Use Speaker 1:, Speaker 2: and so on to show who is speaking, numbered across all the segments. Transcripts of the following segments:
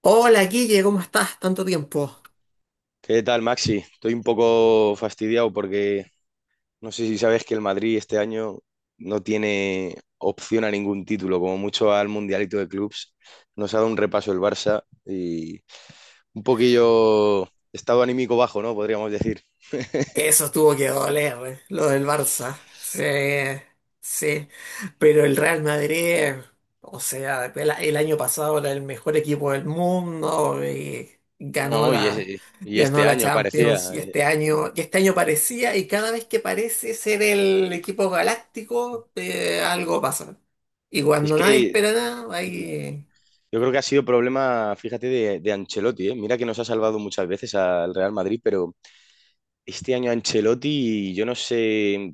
Speaker 1: Hola, Guille, ¿cómo estás? Tanto tiempo.
Speaker 2: ¿Qué tal, Maxi? Estoy un poco fastidiado porque no sé si sabes que el Madrid este año no tiene opción a ningún título, como mucho al Mundialito de Clubs. Nos ha dado un repaso el Barça y un poquillo estado anímico bajo, ¿no? Podríamos decir.
Speaker 1: Eso tuvo que doler, lo del Barça. Sí, sí. Pero el Real Madrid, o sea, el año pasado era el mejor equipo del mundo y ganó
Speaker 2: No, y,
Speaker 1: la,
Speaker 2: es- y
Speaker 1: ganó
Speaker 2: este
Speaker 1: la
Speaker 2: año parecía.
Speaker 1: Champions. Y este año parecía, y cada vez que parece ser el equipo galáctico, algo pasa. Y
Speaker 2: Es
Speaker 1: cuando nadie
Speaker 2: que
Speaker 1: espera nada, ahí.
Speaker 2: yo creo que ha sido problema, fíjate, de Ancelotti, ¿eh? Mira que nos ha salvado muchas veces al Real Madrid, pero este año Ancelotti, yo no sé,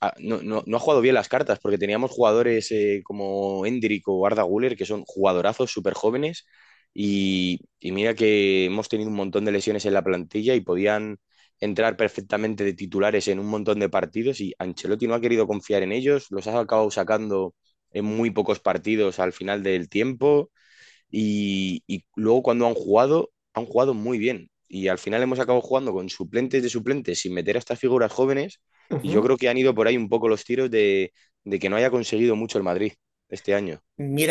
Speaker 2: ah, no, no ha jugado bien las cartas, porque teníamos jugadores como Endrick o Arda Güler, que son jugadorazos súper jóvenes, y mira que hemos tenido un montón de lesiones en la plantilla y podían entrar perfectamente de titulares en un montón de partidos, y Ancelotti no ha querido confiar en ellos, los ha acabado sacando en muy pocos partidos al final del tiempo. Y luego cuando han jugado muy bien. Y al final hemos acabado jugando con suplentes de suplentes sin meter a estas figuras jóvenes. Y yo
Speaker 1: Ujú.
Speaker 2: creo que han ido por ahí un poco los tiros de que no haya conseguido mucho el Madrid este año,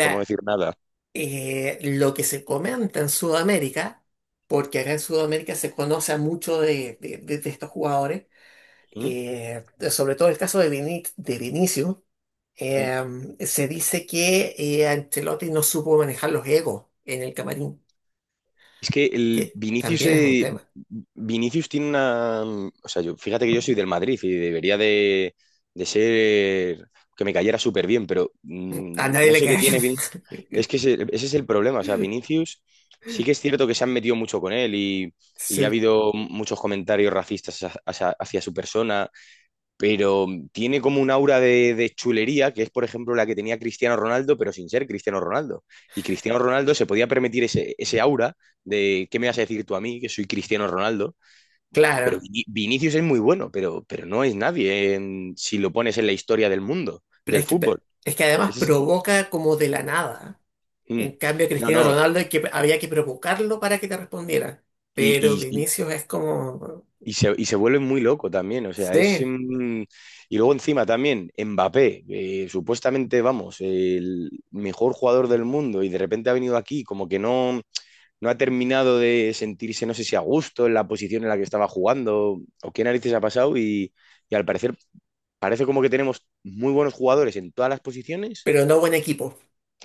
Speaker 2: por no decir nada.
Speaker 1: lo que se comenta en Sudamérica, porque acá en Sudamérica se conoce a mucho de estos jugadores,
Speaker 2: ¿Mm?
Speaker 1: eh, sobre todo el caso de, de Vinicius,
Speaker 2: ¿Mm?
Speaker 1: eh, se dice que Ancelotti no supo manejar los egos en el camarín,
Speaker 2: Es que el
Speaker 1: que
Speaker 2: Vinicius,
Speaker 1: también es un
Speaker 2: eh,
Speaker 1: tema.
Speaker 2: Vinicius tiene una, o sea, yo, fíjate que yo soy del Madrid y debería de ser, que me cayera súper bien, pero
Speaker 1: A nadie
Speaker 2: no
Speaker 1: le
Speaker 2: sé qué
Speaker 1: cae bien.
Speaker 2: tiene. Es que ese es el problema. O sea, Vinicius sí que es cierto que se han metido mucho con él, y ha
Speaker 1: Sí,
Speaker 2: habido muchos comentarios racistas hacia, hacia su persona, pero tiene como un aura de chulería que es, por ejemplo, la que tenía Cristiano Ronaldo, pero sin ser Cristiano Ronaldo. Y Cristiano Ronaldo se podía permitir ese aura de: ¿qué me vas a decir tú a mí, que soy Cristiano Ronaldo? Pero
Speaker 1: claro.
Speaker 2: Vinicius es muy bueno, pero no es nadie si lo pones en la historia del mundo,
Speaker 1: Pero
Speaker 2: del fútbol.
Speaker 1: es que además
Speaker 2: Ese es-
Speaker 1: provoca como de la nada. En
Speaker 2: Mm.
Speaker 1: cambio,
Speaker 2: No,
Speaker 1: Cristiano
Speaker 2: no.
Speaker 1: Ronaldo hay que, había que provocarlo para que te respondiera.
Speaker 2: Y,
Speaker 1: Pero
Speaker 2: y-
Speaker 1: Vinicius es como,
Speaker 2: y se vuelve muy loco también, o sea,
Speaker 1: sí,
Speaker 2: y luego encima también Mbappé, supuestamente, vamos, el mejor jugador del mundo y de repente ha venido aquí, como que no ha terminado de sentirse, no sé si a gusto en la posición en la que estaba jugando o qué narices ha pasado, y al parecer parece como que tenemos muy buenos jugadores en todas las posiciones,
Speaker 1: pero no buen equipo.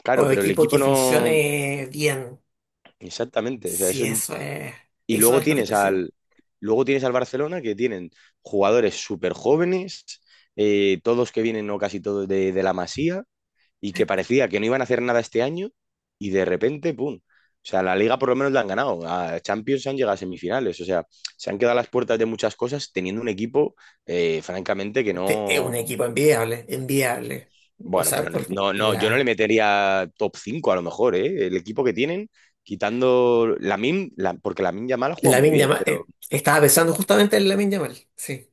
Speaker 2: claro,
Speaker 1: O
Speaker 2: pero el
Speaker 1: equipo
Speaker 2: equipo
Speaker 1: que
Speaker 2: no.
Speaker 1: funcione bien.
Speaker 2: Exactamente, o sea, es
Speaker 1: Si
Speaker 2: un.
Speaker 1: eso es,
Speaker 2: Y
Speaker 1: eso
Speaker 2: luego
Speaker 1: es lo que
Speaker 2: tienes
Speaker 1: te sirve.
Speaker 2: al, luego tienes al Barcelona, que tienen jugadores súper jóvenes, todos que vienen o casi todos de la Masía, y que parecía que no iban a hacer nada este año y de repente, ¡pum! O sea, la liga por lo menos la han ganado. A Champions han llegado a semifinales. O sea, se han quedado a las puertas de muchas cosas teniendo un equipo, francamente, que
Speaker 1: Es un
Speaker 2: no.
Speaker 1: equipo enviable, enviable. O
Speaker 2: Bueno,
Speaker 1: sea,
Speaker 2: pero
Speaker 1: por
Speaker 2: no, yo no le
Speaker 1: la,
Speaker 2: metería top 5 a lo mejor, ¿eh? El equipo que tienen, quitando Lamin, la MIM, porque la MIM Yamal ha jugado muy
Speaker 1: Lamine
Speaker 2: bien,
Speaker 1: Yamal,
Speaker 2: pero.
Speaker 1: estaba pensando justamente en Lamine Yamal, sí.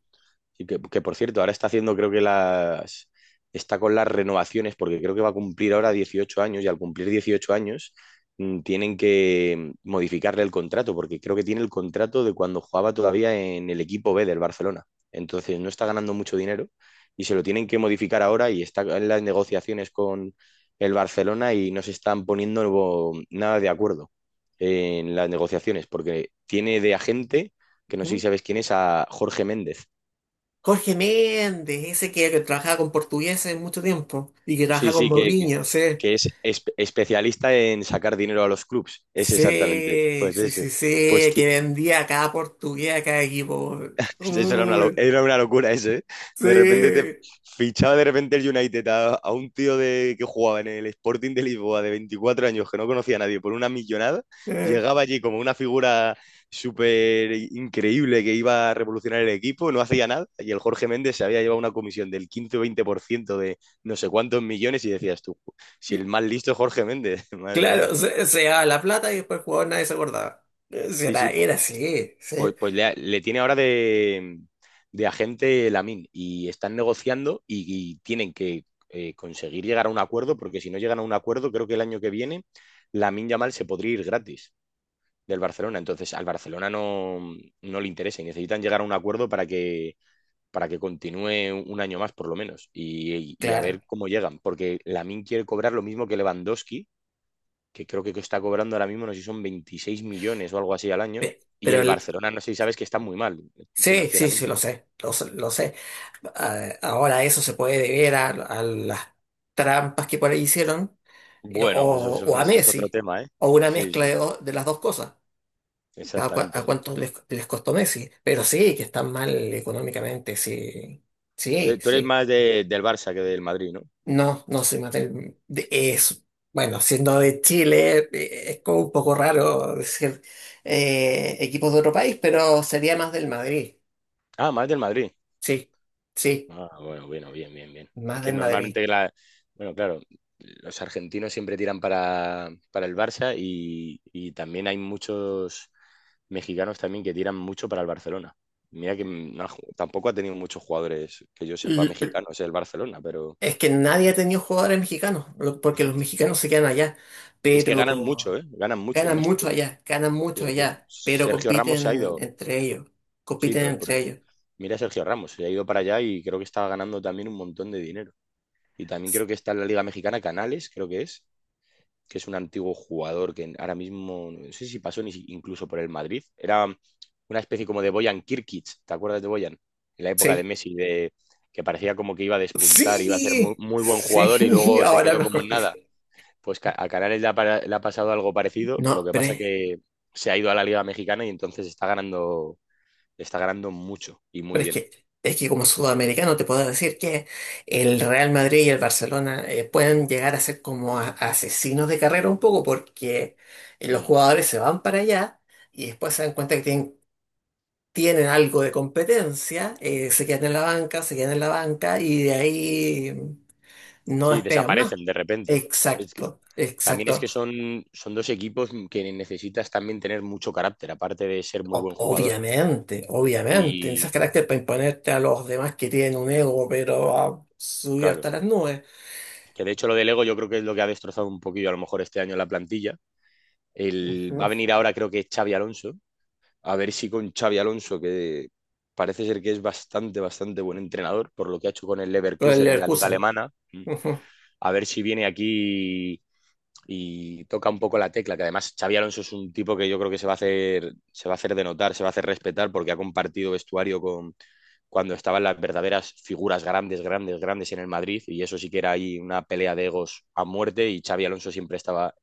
Speaker 2: Y que, por cierto, ahora está haciendo, creo que las. Está con las renovaciones, porque creo que va a cumplir ahora 18 años, y al cumplir 18 años tienen que modificarle el contrato, porque creo que tiene el contrato de cuando jugaba todavía en el equipo B del Barcelona. Entonces no está ganando mucho dinero y se lo tienen que modificar ahora, y está en las negociaciones con el Barcelona y no se están poniendo nada de acuerdo en las negociaciones, porque tiene de agente, que no sé si
Speaker 1: Ujú.
Speaker 2: sabes quién es, a Jorge Méndez.
Speaker 1: Jorge Méndez, ese que trabajaba con portugueses mucho tiempo y que
Speaker 2: Sí,
Speaker 1: trabajaba con
Speaker 2: sí, que, que,
Speaker 1: Mourinho, sí.
Speaker 2: que es especialista en sacar dinero a los clubs. Es exactamente,
Speaker 1: Sí,
Speaker 2: pues
Speaker 1: sí,
Speaker 2: ese.
Speaker 1: sí, sí,
Speaker 2: Pues
Speaker 1: que vendía a cada portugués, a cada equipo.
Speaker 2: eso era una,
Speaker 1: Uy,
Speaker 2: era una locura eso, ¿eh?
Speaker 1: sí.
Speaker 2: De repente te fichaba de repente el United a un tío que jugaba en el Sporting de Lisboa de 24 años, que no conocía a nadie por una millonada, llegaba allí como una figura súper increíble que iba a revolucionar el equipo, no hacía nada, y el Jorge Méndez se había llevado una comisión del 15 o 20% de no sé cuántos millones y decías tú: si el más listo es Jorge Méndez, madre mía.
Speaker 1: Claro, se daba la plata y después el jugador nadie se acordaba. Sí,
Speaker 2: Sí, sí.
Speaker 1: era, era así, sí,
Speaker 2: Pues le tiene ahora de agente Lamin y están negociando, y tienen que conseguir llegar a un acuerdo, porque si no llegan a un acuerdo, creo que el año que viene Lamine Yamal se podría ir gratis del Barcelona. Entonces al Barcelona no le interesa y necesitan llegar a un acuerdo para que continúe un año más por lo menos, a
Speaker 1: claro.
Speaker 2: ver cómo llegan, porque Lamin quiere cobrar lo mismo que Lewandowski, que creo que está cobrando ahora mismo, no sé si son 26 millones o algo así al año. Y
Speaker 1: Pero
Speaker 2: el Barcelona, no sé si sabes que está muy mal
Speaker 1: sí, sí, sí, lo
Speaker 2: financieramente.
Speaker 1: sé, lo, sé, lo sé. Ah, ahora eso se puede deber a las trampas que por ahí hicieron, eh,
Speaker 2: Bueno, eso,
Speaker 1: o, o a
Speaker 2: eso es otro
Speaker 1: Messi,
Speaker 2: tema, ¿eh?
Speaker 1: o una
Speaker 2: Sí, sí,
Speaker 1: mezcla
Speaker 2: sí,
Speaker 1: de, de las dos cosas. ¿A, a
Speaker 2: exactamente.
Speaker 1: cuántos les, les costó Messi? Pero sí, que están mal económicamente, sí. Sí,
Speaker 2: Tú eres
Speaker 1: sí.
Speaker 2: más del Barça que del Madrid, ¿no?
Speaker 1: No, no soy Mattel. Es, bueno, siendo de Chile, es como un poco raro decir equipos de otro país, pero sería más del Madrid.
Speaker 2: Ah, más del Madrid.
Speaker 1: Sí, sí,
Speaker 2: Ah, bueno, bueno, bien, bien, bien. Es
Speaker 1: más
Speaker 2: que
Speaker 1: del Madrid.
Speaker 2: normalmente bueno, claro, los argentinos siempre tiran para el Barça, y también hay muchos mexicanos también que tiran mucho para el Barcelona. Mira que no ha tampoco ha tenido muchos jugadores que yo sepa mexicanos el Barcelona, pero
Speaker 1: Es que nadie ha tenido jugadores mexicanos, porque los
Speaker 2: es,
Speaker 1: mexicanos se quedan allá,
Speaker 2: es que ganan
Speaker 1: pero
Speaker 2: mucho, ¿eh? Ganan mucho en México, ¿eh?
Speaker 1: ganan mucho
Speaker 2: Fíjate.
Speaker 1: allá, pero
Speaker 2: Sergio Ramos se ha
Speaker 1: compiten
Speaker 2: ido,
Speaker 1: entre ellos,
Speaker 2: sí,
Speaker 1: compiten
Speaker 2: pero
Speaker 1: entre ellos.
Speaker 2: mira a Sergio Ramos, se ha ido para allá y creo que estaba ganando también un montón de dinero. Y también creo que está en la Liga Mexicana Canales, creo que es un antiguo jugador que ahora mismo, no sé si pasó ni incluso por el Madrid, era una especie como de Boyan Kirkic, ¿te acuerdas de Boyan? En la época de
Speaker 1: Sí,
Speaker 2: Messi, que parecía como que iba a despuntar, iba a ser muy,
Speaker 1: sí,
Speaker 2: muy buen jugador y
Speaker 1: sí,
Speaker 2: luego se
Speaker 1: ahora
Speaker 2: quedó
Speaker 1: me
Speaker 2: como en nada.
Speaker 1: acordé.
Speaker 2: Pues a Canales le ha pasado algo parecido, lo
Speaker 1: No,
Speaker 2: que
Speaker 1: pero,
Speaker 2: pasa
Speaker 1: es-
Speaker 2: que se ha ido a la Liga Mexicana, y entonces está ganando mucho y muy
Speaker 1: pero
Speaker 2: bien.
Speaker 1: es que como sudamericano te puedo decir que el Real Madrid y el Barcelona pueden llegar a ser como asesinos de carrera un poco porque los
Speaker 2: Mm.
Speaker 1: jugadores se van para allá y después se dan cuenta que tienen tienen algo de competencia, se quedan en la banca, se quedan en la banca y de ahí no
Speaker 2: Sí,
Speaker 1: despegan más.
Speaker 2: desaparecen de repente. Es
Speaker 1: Exacto,
Speaker 2: También es
Speaker 1: exacto.
Speaker 2: que son, son dos equipos que necesitas también tener mucho carácter, aparte de ser muy buen jugador.
Speaker 1: Obviamente, obviamente,
Speaker 2: Y
Speaker 1: esas carácter para imponerte a los demás que tienen un ego, pero subido hasta
Speaker 2: claro,
Speaker 1: las nubes.
Speaker 2: que de hecho lo del ego yo creo que es lo que ha destrozado un poquillo a lo mejor este año la plantilla. Va a
Speaker 1: Ujú.
Speaker 2: venir ahora creo que Xavi Alonso. A ver si con Xavi Alonso, que parece ser que es bastante, bastante buen entrenador por lo que ha hecho con el
Speaker 1: Con el
Speaker 2: Leverkusen en la liga
Speaker 1: Leverkusen.
Speaker 2: alemana,
Speaker 1: Ujú.
Speaker 2: a ver si viene aquí y toca un poco la tecla, que además Xavi Alonso es un tipo que yo creo que se va a hacer denotar, se va a hacer respetar, porque ha compartido vestuario con cuando estaban las verdaderas figuras grandes, grandes, grandes en el Madrid, y eso sí que era ahí una pelea de egos a muerte, y Xavi Alonso siempre estaba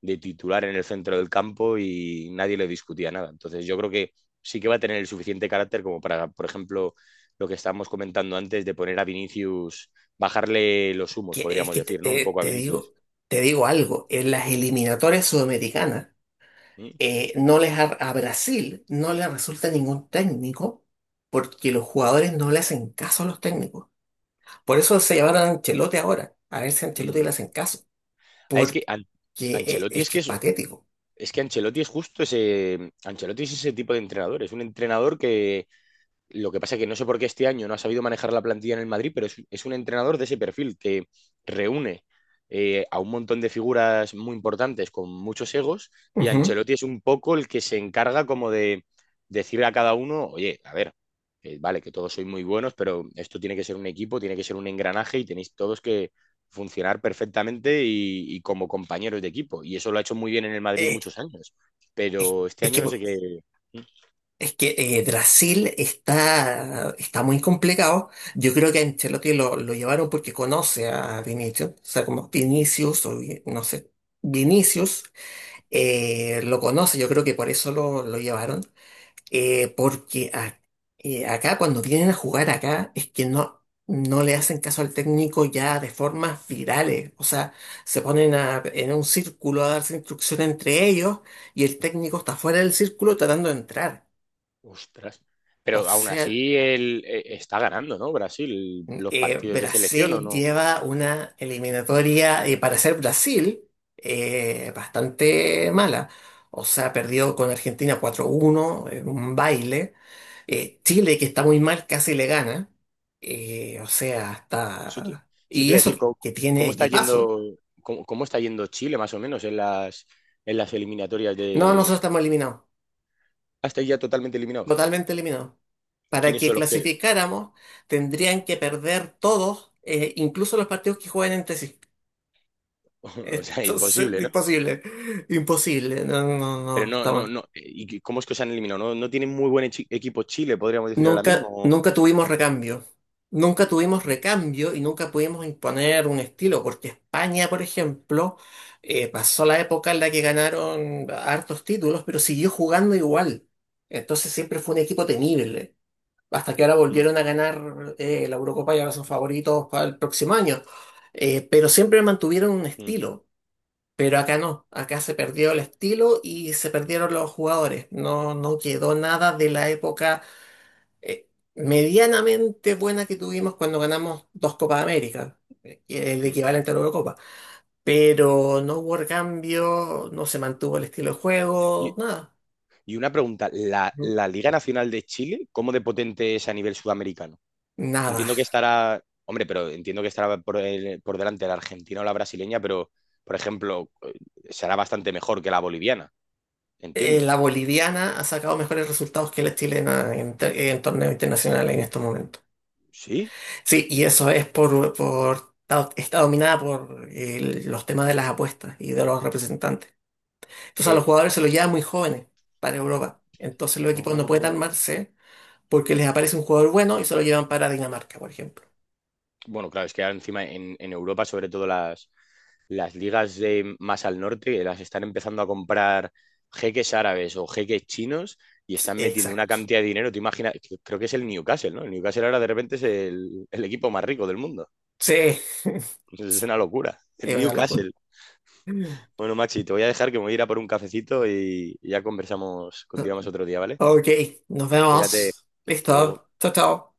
Speaker 2: de titular en el centro del campo y nadie le discutía nada. Entonces yo creo que sí que va a tener el suficiente carácter como para, por ejemplo, lo que estábamos comentando antes de poner a Vinicius, bajarle los humos,
Speaker 1: Que, es
Speaker 2: podríamos
Speaker 1: que
Speaker 2: decir, ¿no?
Speaker 1: te,
Speaker 2: Un poco a Vinicius.
Speaker 1: te digo algo, en las eliminatorias sudamericanas.
Speaker 2: Mm,
Speaker 1: No a Brasil no le resulta ningún técnico porque los jugadores no le hacen caso a los técnicos. Por eso se llevaron a Ancelotti ahora, a ver si a Ancelotti
Speaker 2: mm.
Speaker 1: le hacen caso,
Speaker 2: Ah, es que
Speaker 1: porque
Speaker 2: Ancelotti
Speaker 1: es que es patético.
Speaker 2: es que Ancelotti es justo ese. Ancelotti es ese tipo de entrenador. Es un entrenador que, lo que pasa es que no sé por qué este año no ha sabido manejar la plantilla en el Madrid, pero es un entrenador de ese perfil que reúne a un montón de figuras muy importantes con muchos egos, y
Speaker 1: Ujú.
Speaker 2: Ancelotti es un poco el que se encarga como de decirle a cada uno: oye, a ver, vale, que todos sois muy buenos, pero esto tiene que ser un equipo, tiene que ser un engranaje y tenéis todos que funcionar perfectamente, y como compañeros de equipo. Y eso lo ha hecho muy bien en el Madrid
Speaker 1: Eh,
Speaker 2: muchos años,
Speaker 1: es,
Speaker 2: pero este
Speaker 1: es
Speaker 2: año
Speaker 1: que,
Speaker 2: no sé qué.
Speaker 1: es que Brasil está, está muy complicado. Yo creo que a Ancelotti lo llevaron porque conoce a Vinicius, o sea, como Vinicius, o no sé, Vinicius lo conoce, yo creo que por eso lo llevaron. Eh, porque a- acá cuando vienen a jugar acá es que no, no le hacen caso al técnico ya de formas virales. O sea, se ponen en un círculo a darse instrucción entre ellos y el técnico está fuera del círculo tratando de entrar.
Speaker 2: Ostras.
Speaker 1: O
Speaker 2: Pero aún
Speaker 1: sea,
Speaker 2: así él está ganando, ¿no? Brasil, los partidos de selección o
Speaker 1: Brasil
Speaker 2: no.
Speaker 1: lleva una eliminatoria, para ser Brasil, bastante mala. O sea, perdió con Argentina 4-1 en un baile. Chile, que está muy mal, casi le gana. O sea,
Speaker 2: Eso te,
Speaker 1: está...
Speaker 2: eso te
Speaker 1: Y
Speaker 2: iba a
Speaker 1: eso
Speaker 2: decir,
Speaker 1: que tiene
Speaker 2: cómo está
Speaker 1: equipazo.
Speaker 2: yendo, cómo está yendo Chile más o menos en las eliminatorias
Speaker 1: No, nosotros
Speaker 2: de.
Speaker 1: estamos eliminados,
Speaker 2: Hasta ya totalmente eliminados.
Speaker 1: totalmente eliminados. Para
Speaker 2: ¿Quiénes
Speaker 1: que
Speaker 2: son los que?
Speaker 1: clasificáramos, tendrían que perder todos, incluso los partidos que juegan entre sí.
Speaker 2: O sea,
Speaker 1: Entonces,
Speaker 2: imposible, ¿no?
Speaker 1: imposible, imposible. No, no, no,
Speaker 2: Pero
Speaker 1: no,
Speaker 2: no, no,
Speaker 1: estamos,
Speaker 2: no. ¿Y cómo es que os han eliminado? ¿No tienen muy buen equipo Chile, podríamos decir ahora mismo?
Speaker 1: nunca,
Speaker 2: ¿O?
Speaker 1: nunca tuvimos recambio. Nunca tuvimos
Speaker 2: Mm,
Speaker 1: recambio y nunca pudimos imponer un estilo, porque España, por ejemplo, pasó la época en la que ganaron hartos títulos, pero siguió jugando igual. Entonces siempre fue un equipo temible. Hasta que ahora
Speaker 2: mm,
Speaker 1: volvieron a ganar la Eurocopa y ahora son favoritos para el próximo año. Pero siempre mantuvieron un
Speaker 2: mm.
Speaker 1: estilo. Pero acá no, acá se perdió el estilo y se perdieron los jugadores. No, no quedó nada de la época eh, medianamente buena que tuvimos cuando ganamos dos Copas América, el
Speaker 2: Mm.
Speaker 1: equivalente a la Eurocopa. Pero no hubo cambio, no se mantuvo el estilo de
Speaker 2: Y,
Speaker 1: juego, nada.
Speaker 2: y una pregunta, ¿la,
Speaker 1: Ujú.
Speaker 2: la Liga Nacional de Chile, cómo de potente es a nivel sudamericano?
Speaker 1: Nada.
Speaker 2: Entiendo que estará, hombre, pero entiendo que estará por delante la argentina o la brasileña, pero, por ejemplo, será bastante mejor que la boliviana, entiendo.
Speaker 1: La boliviana ha sacado mejores resultados que la chilena en, en torneos internacionales en estos momentos.
Speaker 2: ¿Sí?
Speaker 1: Sí, y eso es por está está dominada por los temas de las apuestas y de los representantes. Entonces a los
Speaker 2: Eh,
Speaker 1: jugadores se los lleva muy jóvenes para Europa. Entonces los equipos no pueden
Speaker 2: no-
Speaker 1: armarse porque les aparece un jugador bueno y se lo llevan para Dinamarca, por ejemplo.
Speaker 2: bueno, claro, es que ahora encima en Europa, sobre todo las ligas de más al norte, las están empezando a comprar jeques árabes o jeques chinos y
Speaker 1: Sí,
Speaker 2: están metiendo una
Speaker 1: exacto.
Speaker 2: cantidad de dinero. Te imaginas, creo que es el Newcastle, ¿no? El Newcastle ahora de repente es el equipo más rico del mundo.
Speaker 1: Sí,
Speaker 2: Es una locura.
Speaker 1: es
Speaker 2: El
Speaker 1: una locura.
Speaker 2: Newcastle. Bueno, Maxi, te voy a dejar que me voy a ir a por un cafecito, y ya conversamos, continuamos otro día, ¿vale?
Speaker 1: Ok, nos
Speaker 2: Cuídate,
Speaker 1: vemos.
Speaker 2: hasta luego.
Speaker 1: Listo. Chao, chao.